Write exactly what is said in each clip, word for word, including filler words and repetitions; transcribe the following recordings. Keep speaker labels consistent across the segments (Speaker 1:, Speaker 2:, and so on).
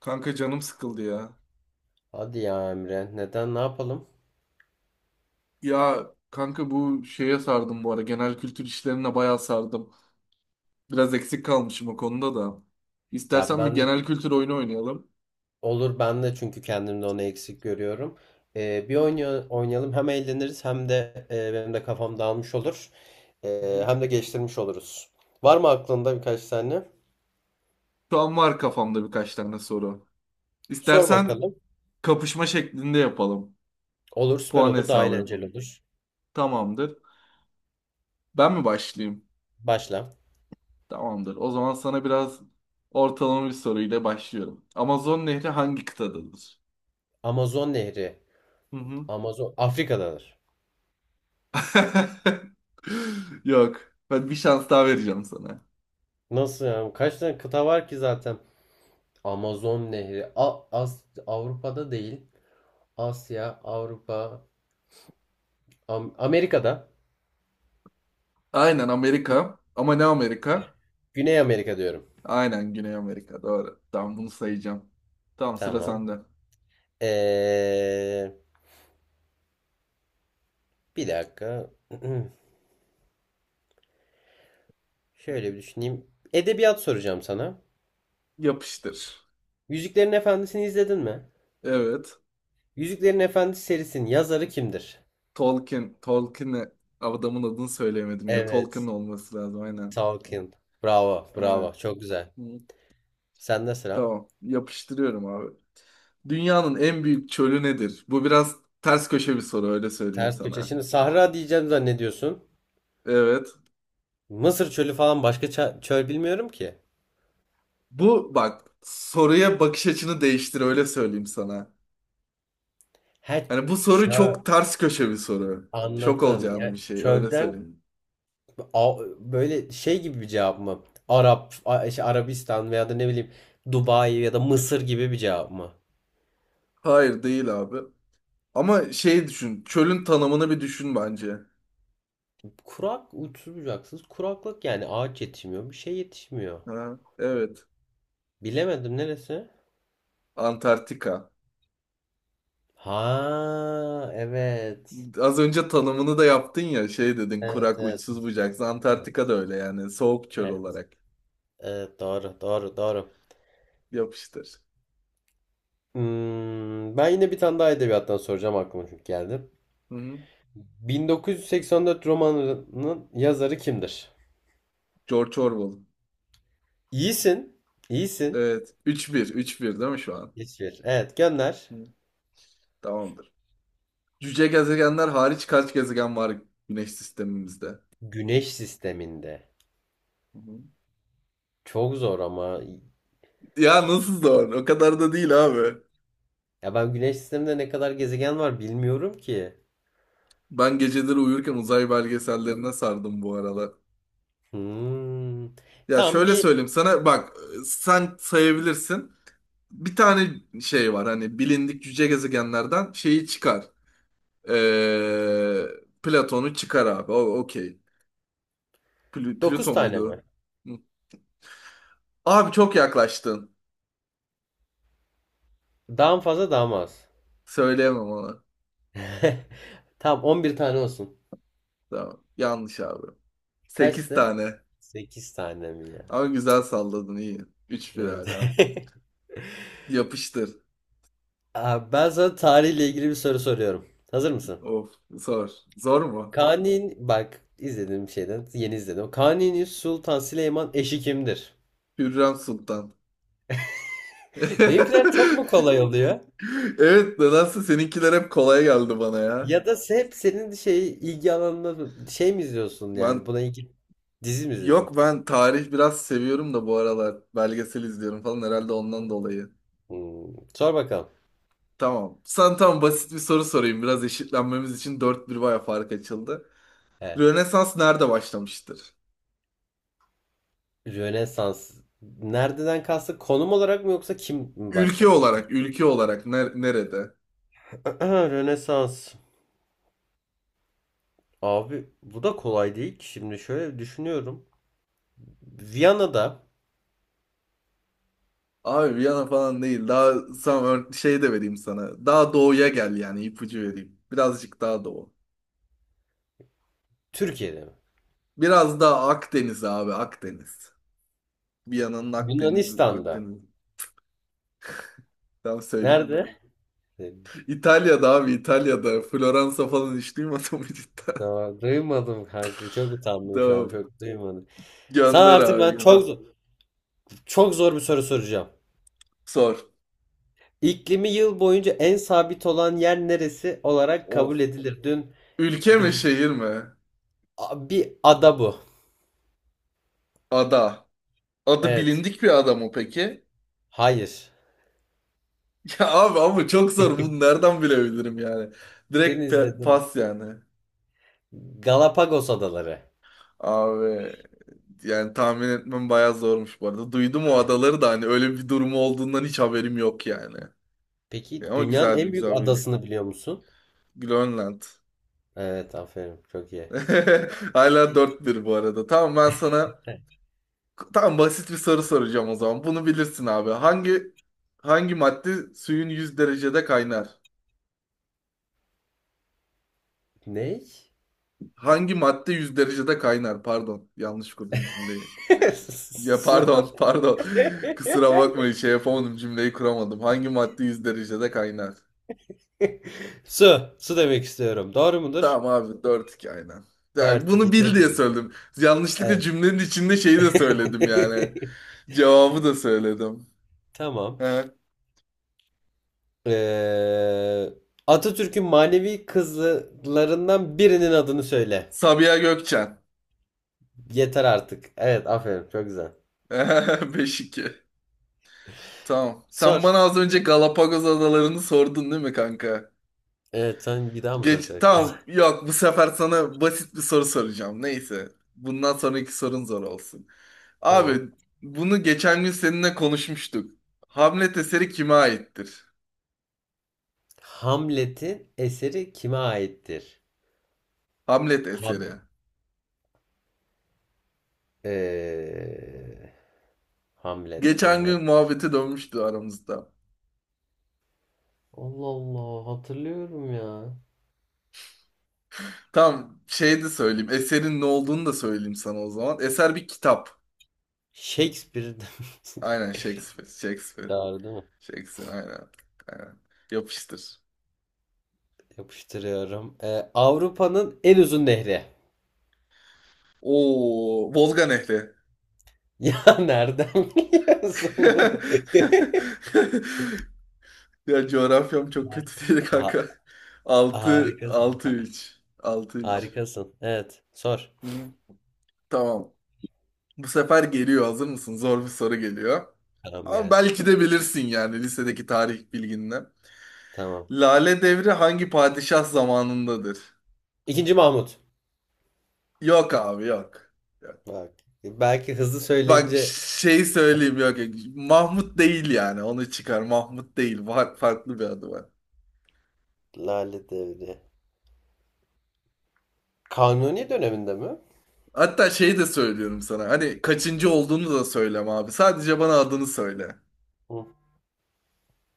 Speaker 1: Kanka canım sıkıldı ya.
Speaker 2: Hadi ya Emre, neden ne yapalım?
Speaker 1: Ya kanka bu şeye sardım bu ara. Genel kültür işlerine bayağı sardım. Biraz eksik kalmışım o konuda da.
Speaker 2: Ya
Speaker 1: İstersen bir
Speaker 2: ben de
Speaker 1: genel kültür oyunu oynayalım.
Speaker 2: olur ben de çünkü kendimde onu eksik görüyorum. Ee, bir
Speaker 1: Hı
Speaker 2: oyna- oynayalım, hem eğleniriz hem de e, benim de kafam dağılmış olur. Ee,
Speaker 1: hı.
Speaker 2: hem de geçtirmiş oluruz. Var mı aklında birkaç tane?
Speaker 1: Şu an var kafamda birkaç tane soru.
Speaker 2: Sor
Speaker 1: İstersen
Speaker 2: bakalım.
Speaker 1: kapışma şeklinde yapalım.
Speaker 2: Olur, süper
Speaker 1: Puan
Speaker 2: olur, daha
Speaker 1: hesabı
Speaker 2: eğlenceli
Speaker 1: yapalım.
Speaker 2: olur.
Speaker 1: Tamamdır. Ben mi başlayayım?
Speaker 2: Başla.
Speaker 1: Tamamdır. O zaman sana biraz ortalama bir soruyla başlıyorum. Amazon Nehri hangi kıtadadır?
Speaker 2: Amazon Nehri.
Speaker 1: Hı hı.
Speaker 2: Amazon Afrika'dadır.
Speaker 1: Yok. Ben bir şans daha vereceğim sana.
Speaker 2: Nasıl yani? Kaç tane kıta var ki zaten? Amazon Nehri. A- As- Avrupa'da değil. Asya, Avrupa, Am- Amerika'da.
Speaker 1: Aynen Amerika. Ama ne Amerika?
Speaker 2: Güney Amerika diyorum.
Speaker 1: Aynen Güney Amerika. Doğru. Tamam, bunu sayacağım. Tamam, sıra
Speaker 2: Tamam.
Speaker 1: sende.
Speaker 2: Ee, Bir dakika. Şöyle bir düşüneyim. Edebiyat soracağım sana.
Speaker 1: Yapıştır.
Speaker 2: Yüzüklerin Efendisi'ni izledin mi?
Speaker 1: Evet.
Speaker 2: Yüzüklerin Efendisi serisinin yazarı kimdir?
Speaker 1: Tolkien. Tolkien'e adamın adını söyleyemedim ya. Tolkien
Speaker 2: Evet.
Speaker 1: olması lazım. Aynen.
Speaker 2: Tolkien. Bravo,
Speaker 1: Aynen.
Speaker 2: bravo. Çok güzel.
Speaker 1: Hı.
Speaker 2: Sende sıra.
Speaker 1: Tamam. Yapıştırıyorum abi. Dünyanın en büyük çölü nedir? Bu biraz ters köşe bir soru, öyle söyleyeyim
Speaker 2: Ters köşe.
Speaker 1: sana.
Speaker 2: Şimdi Sahra diyeceğim zannediyorsun.
Speaker 1: Evet.
Speaker 2: Mısır çölü falan, başka ça- çöl bilmiyorum ki.
Speaker 1: Bu bak, soruya bakış açını değiştir, öyle söyleyeyim sana.
Speaker 2: He,
Speaker 1: Hani bu soru
Speaker 2: çöl.
Speaker 1: çok ters köşe bir soru. Şok
Speaker 2: Anladım.
Speaker 1: olacağın bir
Speaker 2: Yani
Speaker 1: şey, öyle
Speaker 2: çölden
Speaker 1: söyleyeyim.
Speaker 2: A- böyle şey gibi bir cevap mı? Arap, A- işte Arabistan veya da ne bileyim Dubai ya da Mısır gibi bir cevap mı?
Speaker 1: Hayır, değil abi. Ama şey düşün. Çölün tanımını bir düşün bence.
Speaker 2: Kurak, uçsuz bucaksız kuraklık, yani ağaç yetişmiyor, bir şey yetişmiyor.
Speaker 1: Ha, evet.
Speaker 2: Bilemedim, neresi?
Speaker 1: Antarktika.
Speaker 2: Ha, evet.
Speaker 1: Az önce tanımını da yaptın ya, şey dedin,
Speaker 2: Evet,
Speaker 1: kurak
Speaker 2: evet.
Speaker 1: uçsuz bucaksız.
Speaker 2: Evet,
Speaker 1: Antarktika da öyle yani, soğuk çöl
Speaker 2: evet.
Speaker 1: olarak.
Speaker 2: Evet, doğru doğru doğru.
Speaker 1: Yapıştır.
Speaker 2: Hmm, ben yine bir tane daha edebiyattan soracağım, aklıma çünkü geldi.
Speaker 1: Hı-hı.
Speaker 2: bin dokuz yüz seksen dört romanının yazarı kimdir?
Speaker 1: George Orwell.
Speaker 2: İyisin, iyisin.
Speaker 1: Evet. Üç bir. Üç bir değil mi şu an?
Speaker 2: İsviçre. Evet, gönder.
Speaker 1: Hı. Tamamdır. Cüce gezegenler hariç kaç gezegen var Güneş sistemimizde? Hı
Speaker 2: Güneş sisteminde.
Speaker 1: hı.
Speaker 2: Çok zor ama.
Speaker 1: Ya nasıl zor? O kadar da değil abi.
Speaker 2: Ya ben güneş sisteminde ne kadar gezegen var bilmiyorum ki.
Speaker 1: Ben geceleri uyurken uzay belgesellerine sardım bu aralar.
Speaker 2: Hmm.
Speaker 1: Ya
Speaker 2: Tamam,
Speaker 1: şöyle
Speaker 2: bir,
Speaker 1: söyleyeyim sana, bak sen sayabilirsin. Bir tane şey var hani, bilindik cüce gezegenlerden şeyi çıkar. Ee, Platon'u çıkar abi. O okey. Plü-
Speaker 2: dokuz
Speaker 1: Plüto
Speaker 2: tane mi?
Speaker 1: muydu? Hı. Abi çok yaklaştın.
Speaker 2: Daha mı fazla, daha mı az?
Speaker 1: Söyleyemem ona.
Speaker 2: Tamam, on bir tane olsun.
Speaker 1: Tamam. Yanlış abi. Sekiz
Speaker 2: Kaçtı?
Speaker 1: tane.
Speaker 2: Sekiz tane mi ya?
Speaker 1: Ama güzel salladın, iyi. üç bir
Speaker 2: Evet.
Speaker 1: hala. Yapıştır.
Speaker 2: Abi ben sana tarihle ilgili bir soru soruyorum. Hazır mısın?
Speaker 1: Of, zor. Zor mu?
Speaker 2: Kanun bak, izlediğim şeyden yeni izledim. Kanuni Sultan Süleyman eşi kimdir?
Speaker 1: Hürrem Sultan.
Speaker 2: Benimkiler çok mu kolay oluyor?
Speaker 1: Evet, nedense seninkiler hep kolay geldi bana ya.
Speaker 2: Ya da se- hep senin şey ilgi alanında şey mi izliyorsun, yani
Speaker 1: Ben.
Speaker 2: buna ilgi dizi mi izliyorsun?
Speaker 1: Yok, ben tarih biraz seviyorum da bu aralar belgesel izliyorum falan, herhalde ondan dolayı.
Speaker 2: Hmm, Sor bakalım.
Speaker 1: Tamam. Sana tam basit bir soru sorayım. Biraz eşitlenmemiz için dört bir, baya fark açıldı.
Speaker 2: Evet.
Speaker 1: Rönesans nerede başlamıştır?
Speaker 2: Rönesans. Nereden kastı? Konum olarak mı yoksa kim
Speaker 1: Ülke olarak,
Speaker 2: başlatmıştır?
Speaker 1: ülke olarak ner- nerede?
Speaker 2: Rönesans. Abi bu da kolay değil ki. Şimdi şöyle düşünüyorum. Viyana'da,
Speaker 1: Abi Viyana falan değil. Daha sana ör- şey de vereyim sana. Daha doğuya gel yani, ipucu vereyim. Birazcık daha doğu.
Speaker 2: Türkiye'de mi?
Speaker 1: Biraz daha Akdeniz abi, Akdeniz. Viyana'nın Akdeniz,
Speaker 2: Yunanistan'da.
Speaker 1: Akdeniz. Tam söyleyeyim ben.
Speaker 2: Nerede?
Speaker 1: İtalya'da abi, İtalya'da. Floransa falan hiç duymadım mı cidden?
Speaker 2: Tamam, duymadım kanka. Çok utandım şu an.
Speaker 1: Tamam.
Speaker 2: Çok duymadım. Sana
Speaker 1: Gönder
Speaker 2: artık
Speaker 1: abi,
Speaker 2: ben
Speaker 1: gönder.
Speaker 2: çok çok zor bir soru soracağım.
Speaker 1: Sor.
Speaker 2: İklimi yıl boyunca en sabit olan yer neresi olarak
Speaker 1: Of.
Speaker 2: kabul edilir? Dün
Speaker 1: Ülke
Speaker 2: bir,
Speaker 1: mi, şehir mi?
Speaker 2: a- bir ada bu.
Speaker 1: Ada. Adı
Speaker 2: Evet.
Speaker 1: bilindik bir ada mı peki?
Speaker 2: Hayır.
Speaker 1: Ya abi, ama çok zor. Bunu nereden bilebilirim yani?
Speaker 2: Dün
Speaker 1: Direkt pe-
Speaker 2: izledim.
Speaker 1: pas yani.
Speaker 2: Galapagos Adaları.
Speaker 1: Abi yani tahmin etmem bayağı zormuş bu arada. Duydum o
Speaker 2: Evet.
Speaker 1: adaları da, hani öyle bir durumu olduğundan hiç haberim yok yani.
Speaker 2: Peki
Speaker 1: Ya, ama
Speaker 2: dünyanın
Speaker 1: güzel bir,
Speaker 2: en büyük
Speaker 1: güzel bir şey.
Speaker 2: adasını biliyor musun?
Speaker 1: Grönland.
Speaker 2: Evet, aferin. Çok iyi.
Speaker 1: Hala dört bir bu arada. Tamam, ben sana, tamam, basit bir soru soracağım o zaman. Bunu bilirsin abi. Hangi hangi madde suyun yüz derecede kaynar?
Speaker 2: Ne?
Speaker 1: Hangi madde yüz derecede kaynar? Pardon. Yanlış kurdum cümleyi. Ya
Speaker 2: Su.
Speaker 1: pardon, pardon. Kusura bakmayın, şey yapamadım, cümleyi kuramadım. Hangi madde yüz derecede kaynar?
Speaker 2: Su. Su demek istiyorum. Doğru mudur?
Speaker 1: Tamam abi, dört iki aynen. Yani
Speaker 2: dört iki,
Speaker 1: bunu bil
Speaker 2: çok
Speaker 1: diye
Speaker 2: güzel.
Speaker 1: söyledim. Yanlışlıkla
Speaker 2: Evet.
Speaker 1: cümlenin içinde şeyi de söyledim yani. Cevabı da söyledim.
Speaker 2: Tamam.
Speaker 1: He.
Speaker 2: Ee, Atatürk'ün manevi kızlarından birinin adını söyle.
Speaker 1: Sabiha Gökçen.
Speaker 2: Yeter artık. Evet, aferin. Çok güzel.
Speaker 1: Beş iki. Tamam. Sen bana
Speaker 2: Sor.
Speaker 1: az önce Galapagos adalarını sordun değil mi kanka?
Speaker 2: Evet, sen bir daha mı
Speaker 1: Geç,
Speaker 2: soracaksın?
Speaker 1: tamam. Yok, bu sefer sana basit bir soru soracağım. Neyse. Bundan sonraki sorun zor olsun. Abi
Speaker 2: Tamam.
Speaker 1: bunu geçen gün seninle konuşmuştuk. Hamlet eseri kime aittir?
Speaker 2: Hamlet'in eseri kime aittir?
Speaker 1: Hamlet eseri.
Speaker 2: Ham. Ee, Hamlet,
Speaker 1: Geçen
Speaker 2: Hamlet.
Speaker 1: gün muhabbete dönmüştü aramızda.
Speaker 2: Allah Allah, hatırlıyorum ya.
Speaker 1: Tam şey de söyleyeyim. Eserin ne olduğunu da söyleyeyim sana o zaman. Eser bir kitap.
Speaker 2: Shakespeare'den.
Speaker 1: Aynen Shakespeare. Shakespeare.
Speaker 2: Doğru değil mi?
Speaker 1: Shakespeare aynen. Aynen. Yapıştır.
Speaker 2: Yapıştırıyorum. Ee, Avrupa'nın en uzun nehri.
Speaker 1: Oo, Volga Nehri.
Speaker 2: Ya nereden biliyorsun bunu?
Speaker 1: Ya, coğrafyam çok
Speaker 2: Harika.
Speaker 1: kötü değil
Speaker 2: Ha-
Speaker 1: kanka. Altı
Speaker 2: Harikasın.
Speaker 1: altı
Speaker 2: Ha-
Speaker 1: üç altı üç.
Speaker 2: harikasın. Evet. Sor.
Speaker 1: Hı, tamam. Bu sefer geliyor. Hazır mısın? Zor bir soru geliyor.
Speaker 2: Tamam,
Speaker 1: Ama
Speaker 2: gelsin.
Speaker 1: belki de bilirsin yani, lisedeki tarih bilginle.
Speaker 2: Tamam.
Speaker 1: Lale Devri hangi padişah zamanındadır?
Speaker 2: İkinci Mahmut.
Speaker 1: Yok abi, yok. Yok.
Speaker 2: Bak. Belki hızlı
Speaker 1: Bak,
Speaker 2: söyleyince...
Speaker 1: şey söyleyeyim, yok. Yok. Mahmut değil yani, onu çıkar. Mahmut değil. Var, farklı bir adı var.
Speaker 2: Lale Devri. Kanuni döneminde mi?
Speaker 1: Hatta şey de söylüyorum sana. Hani kaçıncı olduğunu da söyleme abi. Sadece bana adını söyle.
Speaker 2: Hı,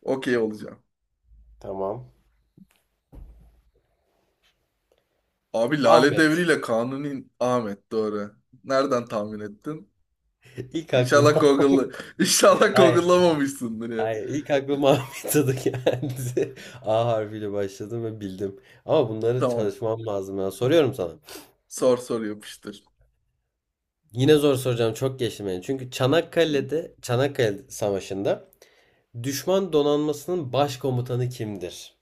Speaker 1: Okey olacağım.
Speaker 2: tamam.
Speaker 1: Abi Lale
Speaker 2: Ahmet.
Speaker 1: Devri ile Kanuni Ahmet doğru. Nereden tahmin ettin?
Speaker 2: İlk
Speaker 1: İnşallah
Speaker 2: aklıma...
Speaker 1: Google'la İnşallah
Speaker 2: Hayır.
Speaker 1: Google'lamamışsındır ya.
Speaker 2: Hayır. İlk aklıma Ahmet adı geldi. A harfiyle başladım ve bildim. Ama bunları
Speaker 1: Tamam.
Speaker 2: çalışmam lazım ya. Soruyorum sana.
Speaker 1: Sor, sor, yapıştır.
Speaker 2: Yine zor soracağım. Çok geçtim yani. Çünkü Çanakkale'de, Çanakkale Savaşı'nda düşman donanmasının başkomutanı kimdir?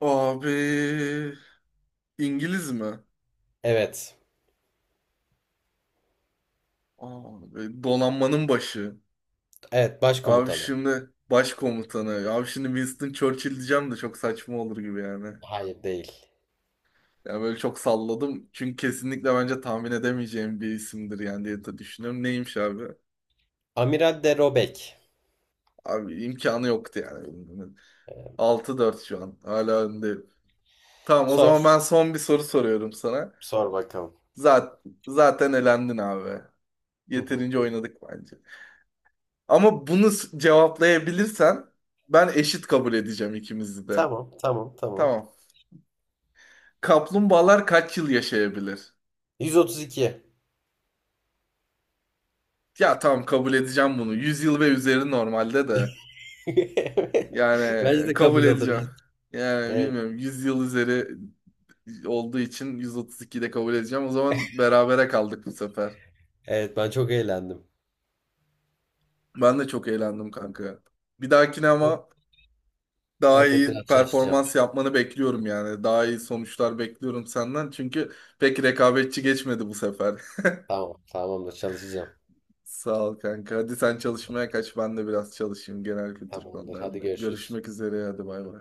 Speaker 1: Abi İngiliz mi?
Speaker 2: Evet.
Speaker 1: Aa, böyle donanmanın başı.
Speaker 2: Evet,
Speaker 1: Abi
Speaker 2: başkomutanı.
Speaker 1: şimdi başkomutanı. Abi şimdi Winston Churchill diyeceğim de çok saçma olur gibi yani.
Speaker 2: Hayır, değil.
Speaker 1: Yani böyle çok salladım. Çünkü kesinlikle bence tahmin edemeyeceğim bir isimdir yani diye de düşünüyorum. Neymiş abi?
Speaker 2: Amiral de Robek.
Speaker 1: Abi imkanı yoktu yani. Altı dört şu an. Hala önde. Tamam, o
Speaker 2: Sor.
Speaker 1: zaman ben son bir soru soruyorum sana.
Speaker 2: Sor bakalım.
Speaker 1: Zaten, zaten elendin abi.
Speaker 2: Hı hı.
Speaker 1: Yeterince oynadık bence. Ama bunu s- cevaplayabilirsen ben eşit kabul edeceğim ikimizi de.
Speaker 2: Tamam, tamam, tamam.
Speaker 1: Tamam. Kaplumbağalar kaç yıl yaşayabilir?
Speaker 2: yüz otuz iki.
Speaker 1: Ya tamam, kabul edeceğim bunu. yüz yıl ve üzeri normalde de.
Speaker 2: Evet. Bence
Speaker 1: Yani
Speaker 2: de
Speaker 1: kabul
Speaker 2: kabul olur.
Speaker 1: edeceğim. Yani
Speaker 2: Evet,
Speaker 1: bilmiyorum, yüz yıl üzeri olduğu için yüz otuz iki de kabul edeceğim. O zaman berabere kaldık bu sefer.
Speaker 2: evet, ben çok eğlendim.
Speaker 1: Ben de çok eğlendim kanka. Bir dahakine ama daha
Speaker 2: Evet, evet, biraz
Speaker 1: iyi
Speaker 2: çalışacağım.
Speaker 1: performans yapmanı bekliyorum yani. Daha iyi sonuçlar bekliyorum senden. Çünkü pek rekabetçi geçmedi bu sefer.
Speaker 2: Tamam, tamamdır, çalışacağım.
Speaker 1: Sağ ol kanka. Hadi sen çalışmaya kaç. Ben de biraz çalışayım genel kültür
Speaker 2: Tamamdır. Hadi
Speaker 1: konularında.
Speaker 2: görüşürüz.
Speaker 1: Görüşmek üzere. Hadi bay bay.